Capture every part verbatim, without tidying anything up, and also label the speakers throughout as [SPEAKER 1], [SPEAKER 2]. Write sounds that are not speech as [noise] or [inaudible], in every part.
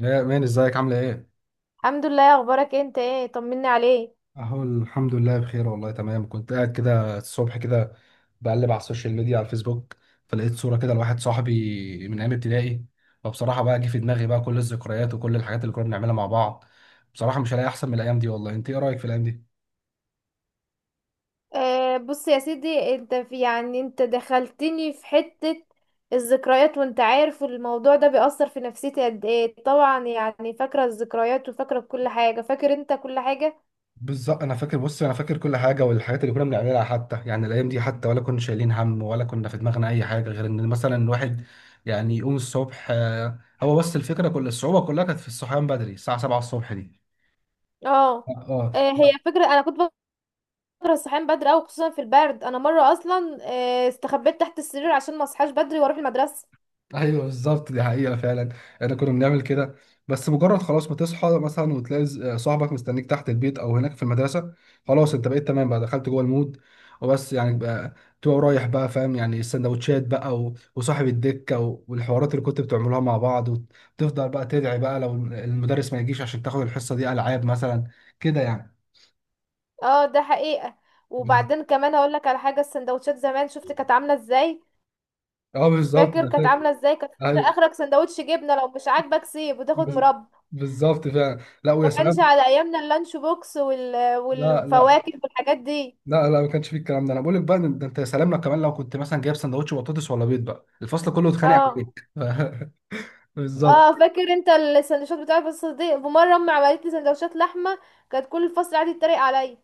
[SPEAKER 1] يا مان ازيك عاملة ايه؟
[SPEAKER 2] الحمد لله. اخبارك انت ايه؟ طمني عليك.
[SPEAKER 1] اهو الحمد لله بخير والله تمام. كنت قاعد كده الصبح كده بقلب على السوشيال ميديا على الفيسبوك، فلقيت صورة كده لواحد صاحبي من ايام ابتدائي، فبصراحة بقى جه في دماغي بقى كل الذكريات وكل الحاجات اللي كنا بنعملها مع بعض. بصراحة مش هلاقي احسن من الايام دي والله. انت ايه رأيك في الايام دي؟
[SPEAKER 2] أه بص يا سيدي، انت في يعني انت دخلتني في حتة الذكريات، وانت عارف الموضوع ده بيأثر في نفسيتي قد ايه طبعا، يعني فاكرة الذكريات وفاكرة كل حاجة، فاكر انت كل حاجة.
[SPEAKER 1] بالظبط انا فاكر، بص انا فاكر كل حاجة، والحاجات اللي كنا بنعملها، حتى يعني الايام دي، حتى ولا كنا شايلين هم، ولا كنا في دماغنا اي حاجة غير ان مثلا الواحد يعني يقوم الصبح. آه، هو بس الفكرة كل الصعوبة كلها كانت في الصحيان بدري الساعة سبعة الصبح دي.
[SPEAKER 2] اه.
[SPEAKER 1] اه.
[SPEAKER 2] أه هي فكرة، انا كنت بكره الصحيان بدري اوي، خصوصا في البرد. انا مرة اصلا أه استخبيت تحت السرير عشان ما اصحاش بدري واروح المدرسة.
[SPEAKER 1] ايوه بالظبط، دي حقيقة فعلا. احنا كنا بنعمل كده. بس مجرد خلاص ما تصحى مثلا وتلاقي ز- صاحبك مستنيك تحت البيت او هناك في المدرسة، خلاص انت بقيت تمام بقى، دخلت جوه المود. وبس يعني بقى تبقى رايح بقى، فاهم يعني السندوتشات بقى، و- وصاحب الدكة، و- والحوارات اللي كنت بتعملوها مع بعض، وتفضل بقى تدعي بقى لو المدرس ما يجيش عشان تاخد الحصة دي ألعاب مثلا، كده يعني.
[SPEAKER 2] اه، ده حقيقة.
[SPEAKER 1] بز-
[SPEAKER 2] وبعدين كمان هقول لك على حاجة، السندوتشات زمان شفت كانت عاملة ازاي؟
[SPEAKER 1] اه بالظبط
[SPEAKER 2] فاكر
[SPEAKER 1] انا
[SPEAKER 2] كانت
[SPEAKER 1] فاكر.
[SPEAKER 2] عامله ازاي؟ كانت فاكرة،
[SPEAKER 1] ايوه.
[SPEAKER 2] اخرك سندوتش جبنه، لو مش عاجبك سيب وتاخد
[SPEAKER 1] بز-
[SPEAKER 2] مربى.
[SPEAKER 1] بالظبط فعلا، لا
[SPEAKER 2] ده
[SPEAKER 1] ويا
[SPEAKER 2] كانش
[SPEAKER 1] سلام.
[SPEAKER 2] على ايامنا اللانش بوكس وال...
[SPEAKER 1] لا لا،
[SPEAKER 2] والفواكه والحاجات دي.
[SPEAKER 1] لا لا، ما كانش فيه الكلام ده. انا بقول لك بقى، إن- ده انت يا سلام، لو كمان لو كنت مثلا جايب سندوتش بطاطس ولا بيض بقى الفصل كله اتخانق
[SPEAKER 2] اه.
[SPEAKER 1] عليك. [laughs] بالظبط.
[SPEAKER 2] اه، فاكر انت السندوتشات بتاعت بس دي، ومره امي عملت لي سندوتشات لحمه، كانت كل الفصل قاعد يتريق عليا.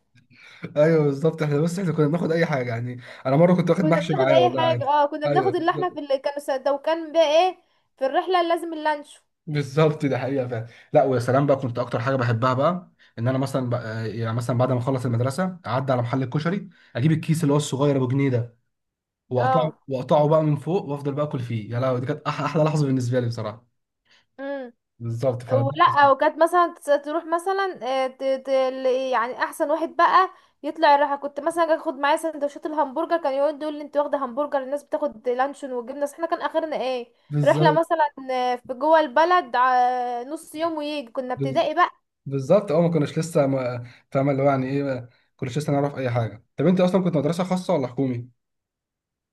[SPEAKER 1] ايوه بالظبط، احنا بس احنا كنا بناخد اي حاجه يعني، انا مره كنت واخد
[SPEAKER 2] كنا
[SPEAKER 1] محشي
[SPEAKER 2] بناخد
[SPEAKER 1] معايا
[SPEAKER 2] اي
[SPEAKER 1] والله
[SPEAKER 2] حاجه،
[SPEAKER 1] عادي.
[SPEAKER 2] اه، كنا
[SPEAKER 1] ايوه
[SPEAKER 2] بناخد اللحمه، في
[SPEAKER 1] بالظبط.
[SPEAKER 2] اللي كانوا سد- لو كان بقى ايه، في الرحله لازم اللانش.
[SPEAKER 1] بالظبط ده حقيقه فعلا. لا ويا سلام بقى، كنت اكتر حاجه بحبها بقى ان انا مثلا بقى يعني مثلا بعد ما اخلص المدرسه اعدي على محل الكشري، اجيب الكيس اللي هو الصغير ابو جنيه ده، واقطعه
[SPEAKER 2] اه.
[SPEAKER 1] واقطعه بقى من فوق، وافضل بقى اكل فيه. يا لهوي، دي كانت أح- احلى لحظه بالنسبه لي بصراحه.
[SPEAKER 2] مم.
[SPEAKER 1] بالظبط ف
[SPEAKER 2] ولا، وكانت مثلا تس- تروح مثلا، آه، ت- ت- ل- يعني احسن واحد بقى يطلع يروح. كنت مثلا أجي اخد معايا سندوتشات الهمبرجر، كان يقعد يقول لي انت واخده همبرجر، الناس بتاخد لانشون وجبنه، بس احنا كان اخرنا ايه؟ رحله مثلا آه، في جوه البلد ع- نص يوم ويجي، كنا
[SPEAKER 1] بالظبط.
[SPEAKER 2] ابتدائي بقى.
[SPEAKER 1] بالظبط اه، ما كناش لسه ما فاهم اللي هو يعني ايه، ما كناش لسه نعرف اي حاجه. طب انت اصلا كنت مدرسه خاصه ولا حكومي؟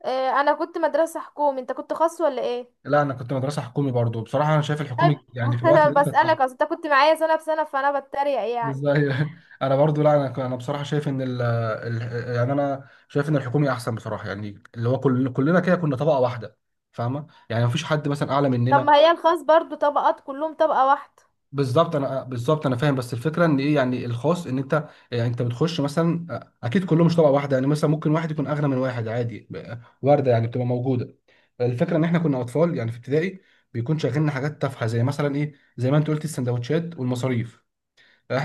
[SPEAKER 2] آه، انا كنت مدرسه حكومي، انت كنت خاص ولا ايه؟
[SPEAKER 1] لا انا كنت مدرسه حكومي برضو. بصراحه انا شايف
[SPEAKER 2] طيب.
[SPEAKER 1] الحكومي يعني في
[SPEAKER 2] [laughs]
[SPEAKER 1] الوقت
[SPEAKER 2] أنا
[SPEAKER 1] ده كانت احسن.
[SPEAKER 2] بسالك، اصل انت كنت معايا سنه بسنه، فانا بتريق يعني.
[SPEAKER 1] ازاي؟ [laughs] انا برضو، لا انا ك- انا بصراحه شايف ان ال ال- يعني انا شايف ان الحكومي احسن بصراحه، يعني اللي هو كل كلنا كده كنا طبقه واحده فاهمه، يعني مفيش حد مثلا اعلى
[SPEAKER 2] طب،
[SPEAKER 1] مننا.
[SPEAKER 2] ما هي الخاص برضو طبقات كلهم طبقه واحده.
[SPEAKER 1] بالظبط انا، بالظبط انا فاهم. بس الفكره ان ايه يعني، الخاص ان انت يعني انت بتخش مثلا، آه، اكيد كلهم مش طبقه واحده، يعني مثلا ممكن واحد يكون اغنى من واحد عادي، ب- وارده، يعني بتبقى موجوده. الفكره ان احنا كنا اطفال يعني في ابتدائي، بيكون شاغلنا حاجات تافهه زي مثلا ايه، زي ما انت قلت السندوتشات والمصاريف. إح-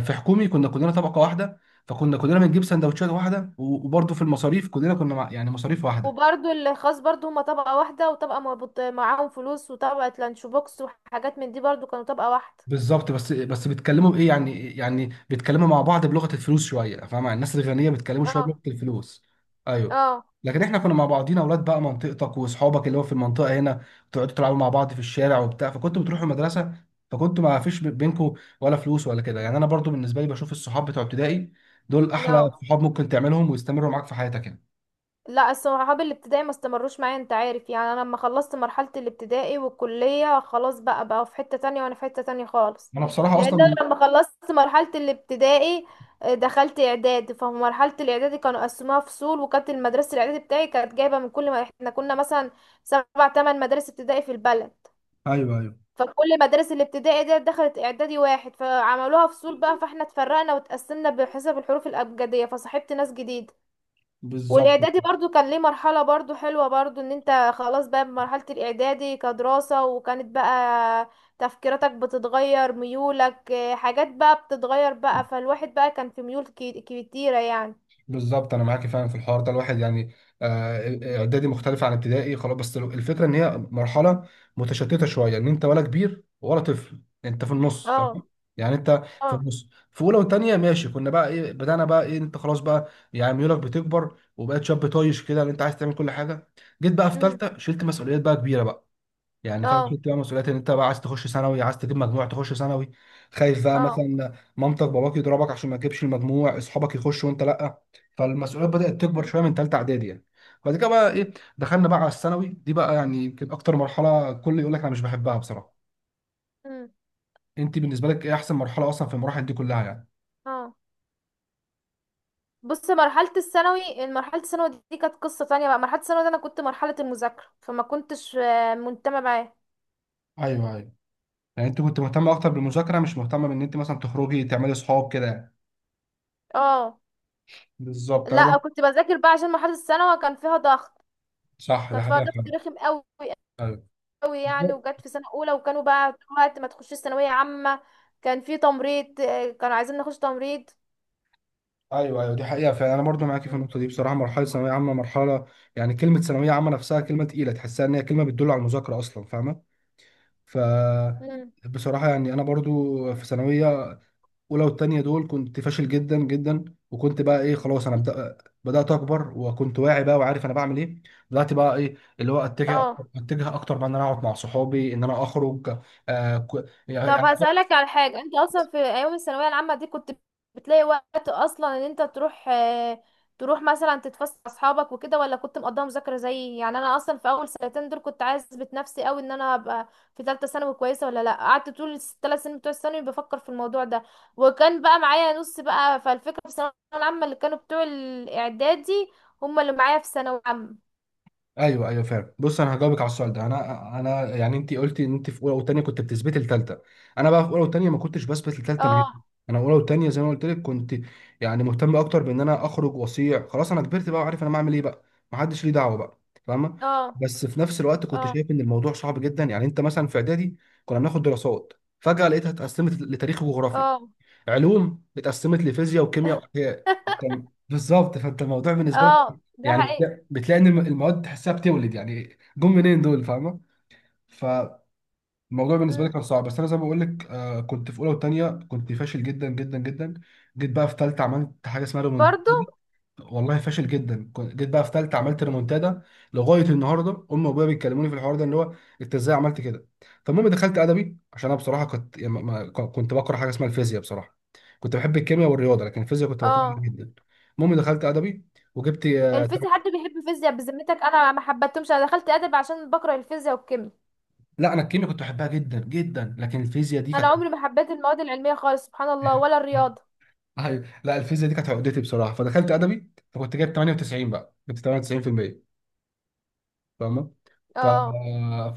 [SPEAKER 1] في حكومي كنا كلنا طبقه واحده، فكنا كلنا بنجيب سندوتشات واحده، وبرده في المصاريف كلنا كنا مع- يعني مصاريف واحده.
[SPEAKER 2] وبرضو الخاص برضو هما طبقة واحدة، وطبقة مربوط معاهم فلوس، وطبقة لانش بوكس وحاجات من دي، برضو كانوا طبقة واحدة.
[SPEAKER 1] بالظبط. بس بس بيتكلموا بايه يعني، يعني بيتكلموا مع بعض بلغه الفلوس شويه، فاهم يعني الناس الغنيه بيتكلموا شويه
[SPEAKER 2] اه.
[SPEAKER 1] بلغه الفلوس. ايوه.
[SPEAKER 2] اه.
[SPEAKER 1] لكن احنا كنا مع بعضينا اولاد بقى منطقتك واصحابك اللي هو في المنطقه هنا، تقعدوا تلعبوا مع بعض في الشارع وبتاع، فكنتوا بتروحوا المدرسه، فكنتوا ما فيش بينكم ولا فلوس ولا كده. يعني انا برضو بالنسبه لي بشوف الصحاب بتوع ابتدائي دول احلى
[SPEAKER 2] اه.
[SPEAKER 1] صحاب ممكن تعملهم ويستمروا معاك في حياتك يعني.
[SPEAKER 2] لا، صحابي الابتدائي ما استمروش معايا، انت عارف يعني. انا لما خلصت مرحلة الابتدائي والكلية خلاص بقى بقى في حتة تانية وانا في حتة تانية خالص.
[SPEAKER 1] انا بصراحه اصلا
[SPEAKER 2] لان
[SPEAKER 1] من...
[SPEAKER 2] انا لما خلصت مرحلة الابتدائي آه، دخلت اعدادي، فمرحلة الاعدادي كانوا قسموها فصول، وكانت المدرسة الاعدادي بتاعي كانت جايبة من كل ما احنا كنا مثلا سبع تمن مدارس ابتدائي في البلد.
[SPEAKER 1] ايوه ايوه
[SPEAKER 2] فكل مدارس الابتدائي دي دخلت اعدادي واحد، فعملوها فصول بقى، فاحنا اتفرقنا واتقسمنا بحسب الحروف الابجديه، فصاحبت ناس جديده.
[SPEAKER 1] بالظبط.
[SPEAKER 2] والاعدادي برضو كان ليه مرحله برضو حلوه، برضو ان انت خلاص بقى بمرحله الاعدادي كدراسه، وكانت بقى تفكيراتك بتتغير، ميولك آه، حاجات بقى بتتغير بقى، فالواحد بقى كان في ميول كي- كتيره يعني.
[SPEAKER 1] بالظبط انا معاكي فعلا في الحوار ده، الواحد يعني، آه، آه، اعدادي مختلف عن ابتدائي خلاص، بس الفكره ان هي مرحله متشتته شويه، ان انت ولا كبير ولا طفل، انت في النص
[SPEAKER 2] اه.
[SPEAKER 1] فاهم. يعني انت في
[SPEAKER 2] اه.
[SPEAKER 1] النص في اولى وثانيه، ماشي، كنا بقى ايه، بدانا بقى ايه، انت خلاص بقى، يعني ميولك بتكبر، وبقيت شاب طايش كده، ان انت عايز تعمل كل حاجه. جيت بقى في
[SPEAKER 2] امم.
[SPEAKER 1] ثالثه، شلت مسؤوليات بقى كبيره بقى، يعني فاهم،
[SPEAKER 2] اه.
[SPEAKER 1] شلت بقى مسؤوليات ان انت بقى عايز تخش ثانوي، عايز تجيب مجموع تخش ثانوي، خايف بقى
[SPEAKER 2] اه.
[SPEAKER 1] مثلا مامتك باباك يضربك عشان ما تجيبش المجموع، اصحابك يخشوا وانت لا. فالمسؤوليات بدأت تكبر
[SPEAKER 2] امم.
[SPEAKER 1] شويه من ثالثه اعدادي يعني. بعد كده بقى ايه دخلنا بقى على الثانوي، دي بقى يعني يمكن اكتر مرحله الكل يقول لك انا مش بحبها بصراحه.
[SPEAKER 2] امم.
[SPEAKER 1] انت بالنسبه لك ايه احسن مرحله اصلا في المراحل دي كلها يعني؟
[SPEAKER 2] اه، بص مرحلة الثانوي، مرحلة الثانوي دي كانت قصة تانية بقى. مرحلة الثانوي دي أنا كنت مرحلة المذاكرة، فما كنتش آه، منتمة معاه.
[SPEAKER 1] ايوه ايوه. يعني انت كنت مهتمه اكتر بالمذاكره، مش مهتمه بان انت مثلا تخرجي تعملي صحاب كده يعني.
[SPEAKER 2] اه.
[SPEAKER 1] بالظبط انا
[SPEAKER 2] لا
[SPEAKER 1] برضه.
[SPEAKER 2] كنت بذاكر بقى، عشان مرحلة الثانوي كان فيها ضغط.
[SPEAKER 1] صح ده
[SPEAKER 2] كانت فيها
[SPEAKER 1] حقيقه
[SPEAKER 2] ضغط
[SPEAKER 1] فعلا.
[SPEAKER 2] رخم قوي قوي يعني،
[SPEAKER 1] ايوه
[SPEAKER 2] وجت في سنة أولى وكانوا بقى طول الوقت ما تخشيش ثانوية عامة. كان في تمريض، آه، كانوا عايزين نخش تمريض.
[SPEAKER 1] ايوه ايوه دي حقيقه فعلا. انا برضو معاكي في
[SPEAKER 2] مم.
[SPEAKER 1] النقطه دي بصراحه. مرحله ثانويه عامه مرحله، يعني كلمه ثانويه عامه نفسها كلمه تقيله، تحسها ان هي كلمه بتدل على المذاكره اصلا فاهمه. ف
[SPEAKER 2] مم.
[SPEAKER 1] بصراحه يعني انا برضو في ثانويه اولى والتانيه دول كنت فاشل جدا جدا، وكنت بقى ايه خلاص انا بدأ بدات اكبر، وكنت واعي بقى وعارف انا بعمل ايه. بدات بقى ايه اللي هو اتجه
[SPEAKER 2] اه،
[SPEAKER 1] اتجه اكتر بقى ان انا اقعد مع صحابي، ان انا اخرج. آه ك-
[SPEAKER 2] طب
[SPEAKER 1] يعني.
[SPEAKER 2] هسألك على حاجة، انت اصلا في ايام الثانوية العامة دي كنت بتلاقي وقت اصلا ان انت تروح آه، تروح مثلا تتفسح مع اصحابك وكده، ولا كنت مقضيها مذاكرة؟ زي يعني انا اصلا في اول سنتين دول كنت عايزة نفسي قوي ان انا ابقى في ثالثة ثانوي كويسة، ولا لا قعدت طول الثلاث سنين بتوع الثانوي بفكر في الموضوع ده. وكان بقى معايا نص بقى، فالفكرة في الثانوية العامة اللي كانوا بتوع الاعدادي هم اللي معايا في ثانوي عامة.
[SPEAKER 1] ايوه ايوه فاهم. بص انا هجاوبك على السؤال ده، انا انا يعني، انت قلتي ان انت في اولى وثانيه كنت بتثبتي الثالثه. انا بقى في اولى وثانيه ما كنتش بثبت الثالثه نهائي.
[SPEAKER 2] اه.
[SPEAKER 1] انا اولى وثانيه زي ما قلت لك كنت يعني مهتم اكتر بان انا اخرج واصيع، خلاص انا كبرت بقى وعارف انا بعمل ايه بقى، ما حدش ليه دعوه بقى فاهمه.
[SPEAKER 2] اه.
[SPEAKER 1] بس في نفس الوقت
[SPEAKER 2] اه.
[SPEAKER 1] كنت شايف ان الموضوع صعب جدا، يعني انت مثلا في اعدادي كنا بناخد دراسات، فجاه لقيتها اتقسمت لتاريخ وجغرافيا،
[SPEAKER 2] اه.
[SPEAKER 1] علوم اتقسمت لفيزياء وكيمياء واحياء، انت
[SPEAKER 2] [laughs]
[SPEAKER 1] بالظبط. فانت الموضوع بالنسبه لك
[SPEAKER 2] اه، ده
[SPEAKER 1] يعني
[SPEAKER 2] حقيقي.
[SPEAKER 1] بتلاقي, بتلاقي ان المواد تحسها بتولد، يعني جم منين دول فاهمه. فالموضوع بالنسبه لي
[SPEAKER 2] مم.
[SPEAKER 1] كان صعب، بس انا زي ما بقول لك آه كنت في اولى وثانيه كنت فاشل جدا جدا جدا. جيت بقى في ثالثه عملت حاجه اسمها،
[SPEAKER 2] برضو.
[SPEAKER 1] والله فاشل جدا، كنت- جيت بقى في ثالثه عملت ريمونتادا. لغايه النهارده امي وابويا بيتكلموني في الحوار ده اللي هو انت ازاي عملت كده. فالمهم دخلت ادبي عشان انا بصراحه كنت يعني، ما- ما- كنت بكره حاجه اسمها الفيزياء بصراحه. كنت بحب الكيمياء والرياضه، لكن الفيزياء كنت بكرهها
[SPEAKER 2] اه.
[SPEAKER 1] جدا. المهم دخلت ادبي وجبت، آه، تم-
[SPEAKER 2] الفيزياء، حد بيحب الفيزياء بذمتك؟ انا ما حبيتهمش، انا دخلت ادب عشان بكره الفيزياء والكيمياء.
[SPEAKER 1] لا انا الكيمياء كنت بحبها جدا جدا، لكن الفيزياء دي
[SPEAKER 2] انا
[SPEAKER 1] كانت...
[SPEAKER 2] عمري ما حبيت المواد العلميه خالص، سبحان الله،
[SPEAKER 1] [laughs]
[SPEAKER 2] ولا الرياضه.
[SPEAKER 1] ايوه لا الفيزياء دي كانت عقدتي بصراحه. فدخلت ادبي، فكنت جايب تمانية وتسعين بقى، جبت تمانية وتسعين بالمية فاهمه. ف...
[SPEAKER 2] اه.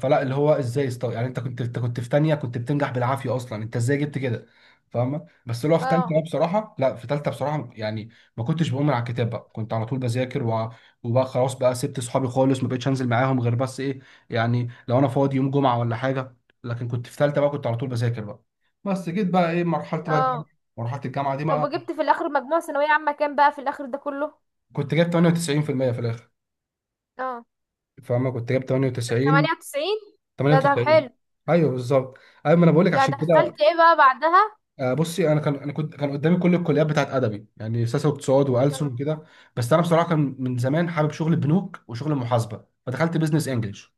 [SPEAKER 1] فلا اللي هو ازاي استو... يعني انت كنت، انت كنت في تانية كنت بتنجح بالعافيه اصلا، انت ازاي جبت كده فاهمه. بس اللي هو في تالتة،
[SPEAKER 2] اه.
[SPEAKER 1] أنا بصراحه لا، في تالتة بصراحه يعني ما كنتش بقوم على الكتاب بقى، كنت على طول بذاكر و... وبقى خلاص بقى سبت صحابي خالص، ما بقتش انزل معاهم غير بس ايه، يعني لو انا فاضي يوم جمعه ولا حاجه. لكن كنت في تالتة بقى كنت على طول بذاكر بقى. بس جيت بقى ايه مرحله بقى الجامعه،
[SPEAKER 2] اه،
[SPEAKER 1] مرحله الجامعه دي
[SPEAKER 2] طب
[SPEAKER 1] بقى،
[SPEAKER 2] وجبت في الاخر مجموع ثانويه عامه كام بقى في الاخر ده كله؟
[SPEAKER 1] كنت جايب تمانية وتسعين بالمية في المية في الاخر
[SPEAKER 2] اه.
[SPEAKER 1] فاهمه. كنت جايب تمانية وتسعين.
[SPEAKER 2] ثمانية وتسعين. ده ده
[SPEAKER 1] تمانية وتسعين.
[SPEAKER 2] حلو.
[SPEAKER 1] ايوه بالظبط. ايوه ما انا بقول لك
[SPEAKER 2] يعني
[SPEAKER 1] عشان كده.
[SPEAKER 2] دخلت ايه بقى بعدها؟
[SPEAKER 1] آه، بصي انا كان انا كنت، كان قدامي كل الكليات بتاعت ادبي يعني سياسه واقتصاد والسن
[SPEAKER 2] اه.
[SPEAKER 1] وكده، بس انا بصراحه كان من زمان حابب شغل البنوك وشغل المحاسبه فدخلت بزنس انجلش.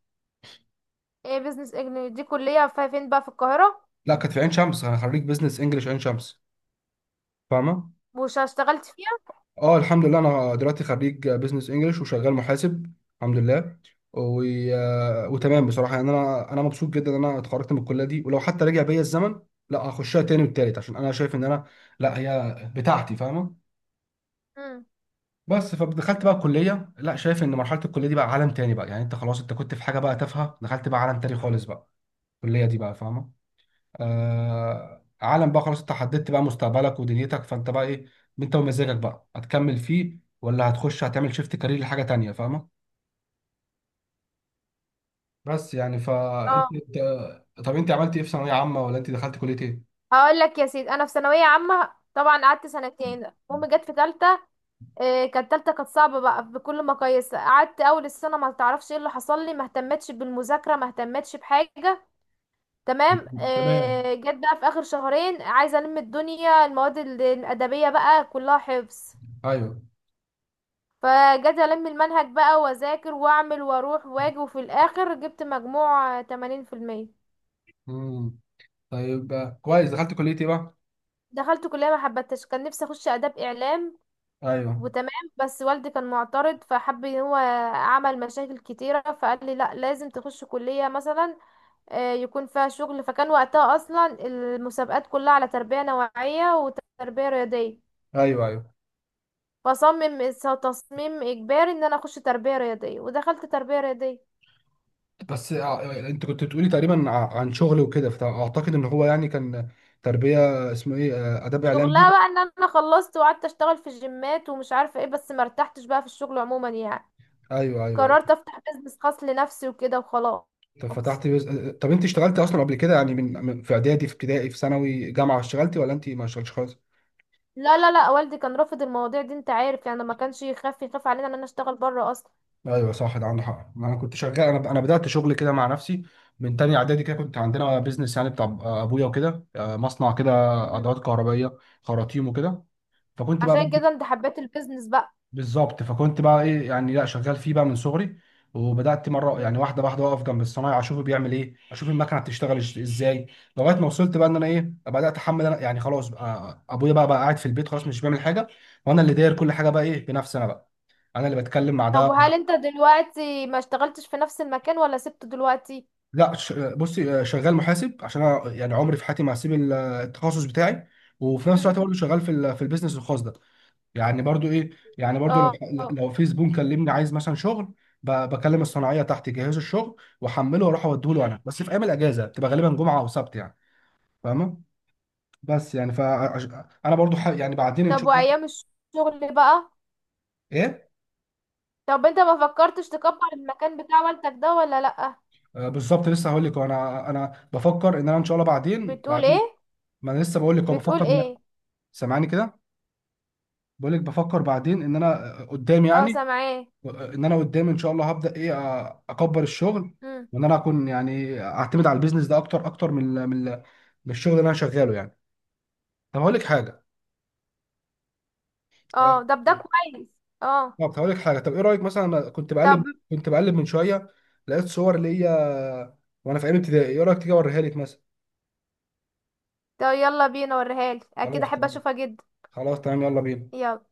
[SPEAKER 2] ايه بيزنس اجنبي دي، كليه في- فين بقى في القاهره؟
[SPEAKER 1] لا كانت في عين شمس، انا خريج بزنس انجلش عين شمس فاهمه.
[SPEAKER 2] وش اشتغلت فيها؟
[SPEAKER 1] اه الحمد لله، انا دلوقتي خريج بزنس انجلش وشغال محاسب، الحمد لله. و... آه، وتمام بصراحه، يعني انا انا مبسوط جدا ان انا اتخرجت من الكليه دي، ولو حتى رجع بيا الزمن لا هخشها تاني والتالت، عشان انا شايف ان انا، لا هي بتاعتي فاهمه.
[SPEAKER 2] امم
[SPEAKER 1] بس فدخلت بقى الكليه، لا شايف ان مرحله الكليه دي بقى عالم تاني بقى، يعني انت خلاص انت كنت في حاجه بقى تافهه، دخلت بقى عالم تاني خالص بقى، الكليه دي بقى فاهمه. آه عالم بقى خلاص، انت حددت بقى مستقبلك ودنيتك، فانت بقى ايه، انت ومزاجك بقى هتكمل فيه ولا هتخش هتعمل شيفت كارير لحاجه تانيه فاهمه. بس يعني
[SPEAKER 2] اه،
[SPEAKER 1] فانت إنت- طب انت عملت ايه في ثانويه عامه ولا انت دخلت كليه ايه؟
[SPEAKER 2] هقول لك يا سيدي. انا في ثانويه عامه طبعا قعدت سنتين، امي جت في ثالثه. إيه، كانت تالتة كانت صعبة بقى بكل مقاييس، قعدت اول السنة ما تعرفش ايه اللي حصل لي، ما اهتمتش بالمذاكرة، ما اهتمتش بحاجة. تمام.
[SPEAKER 1] تمام
[SPEAKER 2] إيه، جت بقى في اخر شهرين عايزة الم الدنيا، المواد ال- الادبية بقى كلها حفظ.
[SPEAKER 1] ايوه.
[SPEAKER 2] فجيت الم المنهج بقى، واذاكر واعمل واروح واجي، وفي الاخر جبت مجموع ثمانين في المية.
[SPEAKER 1] امم. طيب كويس، دخلت كليه ايه بقى؟
[SPEAKER 2] دخلت كلية ما حبتش، كان نفسي اخش اداب اعلام،
[SPEAKER 1] ايوه
[SPEAKER 2] وتمام. بس والدي كان معترض فحب ان هو عمل مشاكل كتيرة، فقال لي لا لازم تخش كلية مثلا آه، يكون فيها شغل. فكان وقتها اصلا المسابقات كلها على تربية نوعية وتربية رياضية،
[SPEAKER 1] ايوه ايوه.
[SPEAKER 2] فصمم تصميم اجباري ان انا اخش تربية رياضية، ودخلت تربية رياضية.
[SPEAKER 1] بس ع- انت كنت بتقولي تقريبا ع- عن شغل وكده، فاعتقد ان هو يعني كان تربيه، اسمه ايه، آه، اداب اعلام
[SPEAKER 2] شغلها
[SPEAKER 1] دي.
[SPEAKER 2] بقى ان انا خلصت وقعدت اشتغل في الجيمات ومش عارفة ايه، بس مرتحتش بقى في الشغل عموما يعني.
[SPEAKER 1] ايوه ايوه ايوه.
[SPEAKER 2] قررت افتح بيزنس خاص لنفسي وكده وخلاص.
[SPEAKER 1] طب فتحت بيز... آه، آه، طب انت اشتغلت اصلا قبل كده يعني، من من- في اعدادي في ابتدائي في ثانوي جامعه، اشتغلتي ولا انت ما اشتغلتش خالص؟
[SPEAKER 2] لا، لا، لا، والدي كان رافض المواضيع دي، انت عارف يعني، ما كانش يخاف يخاف علينا ان انا اشتغل بره اصلا.
[SPEAKER 1] ايوه صح ده عندك حق. انا كنت شغال، انا انا بدات شغل كده مع نفسي من تاني اعدادي كده، كنت عندنا بيزنس يعني بتاع ابويا وكده، آه، مصنع كده
[SPEAKER 2] مم.
[SPEAKER 1] ادوات كهربائيه خراطيم وكده، فكنت بقى.
[SPEAKER 2] عشان كده انت حبيت البيزنس بقى.
[SPEAKER 1] بالظبط فكنت بقى ايه يعني، لا شغال فيه بقى من صغري، وبدات مره يعني
[SPEAKER 2] مم.
[SPEAKER 1] واحده واحده اقف جنب الصنايعي اشوفه بيعمل ايه، اشوف المكنه بتشتغل إش- ازاي، لغايه ما وصلت بقى ان انا ايه بدات احمل انا، يعني خلاص بقى ابويا بقى بقى قاعد في البيت خلاص مش بيعمل حاجه، وانا اللي داير كل حاجه بقى ايه بنفسي، انا بقى انا اللي بتكلم مع
[SPEAKER 2] طب
[SPEAKER 1] ده.
[SPEAKER 2] وهل انت دلوقتي ما اشتغلتش في نفس المكان ولا سبته دلوقتي؟
[SPEAKER 1] لا ش- بصي، آه، شغال محاسب، عشان انا يعني عمري في حياتي ما هسيب ال- التخصص بتاعي، وفي نفس الوقت
[SPEAKER 2] مم.
[SPEAKER 1] برضه شغال في ال- في البيزنس الخاص ده، يعني برضو ايه، يعني برضو لو
[SPEAKER 2] اه. آه.
[SPEAKER 1] لو في زبون كلمني عايز مثلا شغل، ب- بكلم الصناعيه تحت يجهزوا الشغل واحمله واروح اوديه له،
[SPEAKER 2] مم.
[SPEAKER 1] انا بس في ايام الاجازه بتبقى غالبا جمعه او سبت يعني فاهمه. بس يعني ف انا برضو ح... يعني بعدين ان
[SPEAKER 2] طب
[SPEAKER 1] شاء الله.
[SPEAKER 2] وايام الشغل بقى؟
[SPEAKER 1] ايه.
[SPEAKER 2] طب انت ما فكرتش تكبر المكان بتاع والدك ده ولا لأ؟
[SPEAKER 1] آه بالظبط لسه هقول لك، انا انا بفكر ان انا ان شاء الله بعدين
[SPEAKER 2] بتقول ايه؟
[SPEAKER 1] بعدين. ما انا لسه بقول لك أهو،
[SPEAKER 2] بتقول
[SPEAKER 1] بفكر ان.
[SPEAKER 2] ايه؟
[SPEAKER 1] سامعني كده، بقول لك بفكر بعدين، ان انا قدام
[SPEAKER 2] اه،
[SPEAKER 1] يعني،
[SPEAKER 2] سامعاه.
[SPEAKER 1] ان انا قدام ان شاء الله هبدا ايه، آه، اكبر الشغل،
[SPEAKER 2] مم.
[SPEAKER 1] وان انا اكون يعني اعتمد على البيزنس ده اكتر اكتر من ال- من ال- من الشغل اللي انا شغاله يعني. طب هقول لك حاجه. آه،
[SPEAKER 2] اه، طب ده كويس. اه.
[SPEAKER 1] طب هقول لك حاجه، طب ايه رايك مثلا؟ انا كنت
[SPEAKER 2] طب.
[SPEAKER 1] بقلب كنت بقلب من شويه لقيت صور ليا وانا في ايام ابتدائي، ايه رايك تيجي اوريها لك مثلا؟
[SPEAKER 2] طب يلا بينا وريهالي، اكيد
[SPEAKER 1] خلاص
[SPEAKER 2] احب
[SPEAKER 1] تمام.
[SPEAKER 2] اشوفها جدا.
[SPEAKER 1] خلاص تمام يلا بينا.
[SPEAKER 2] يلا.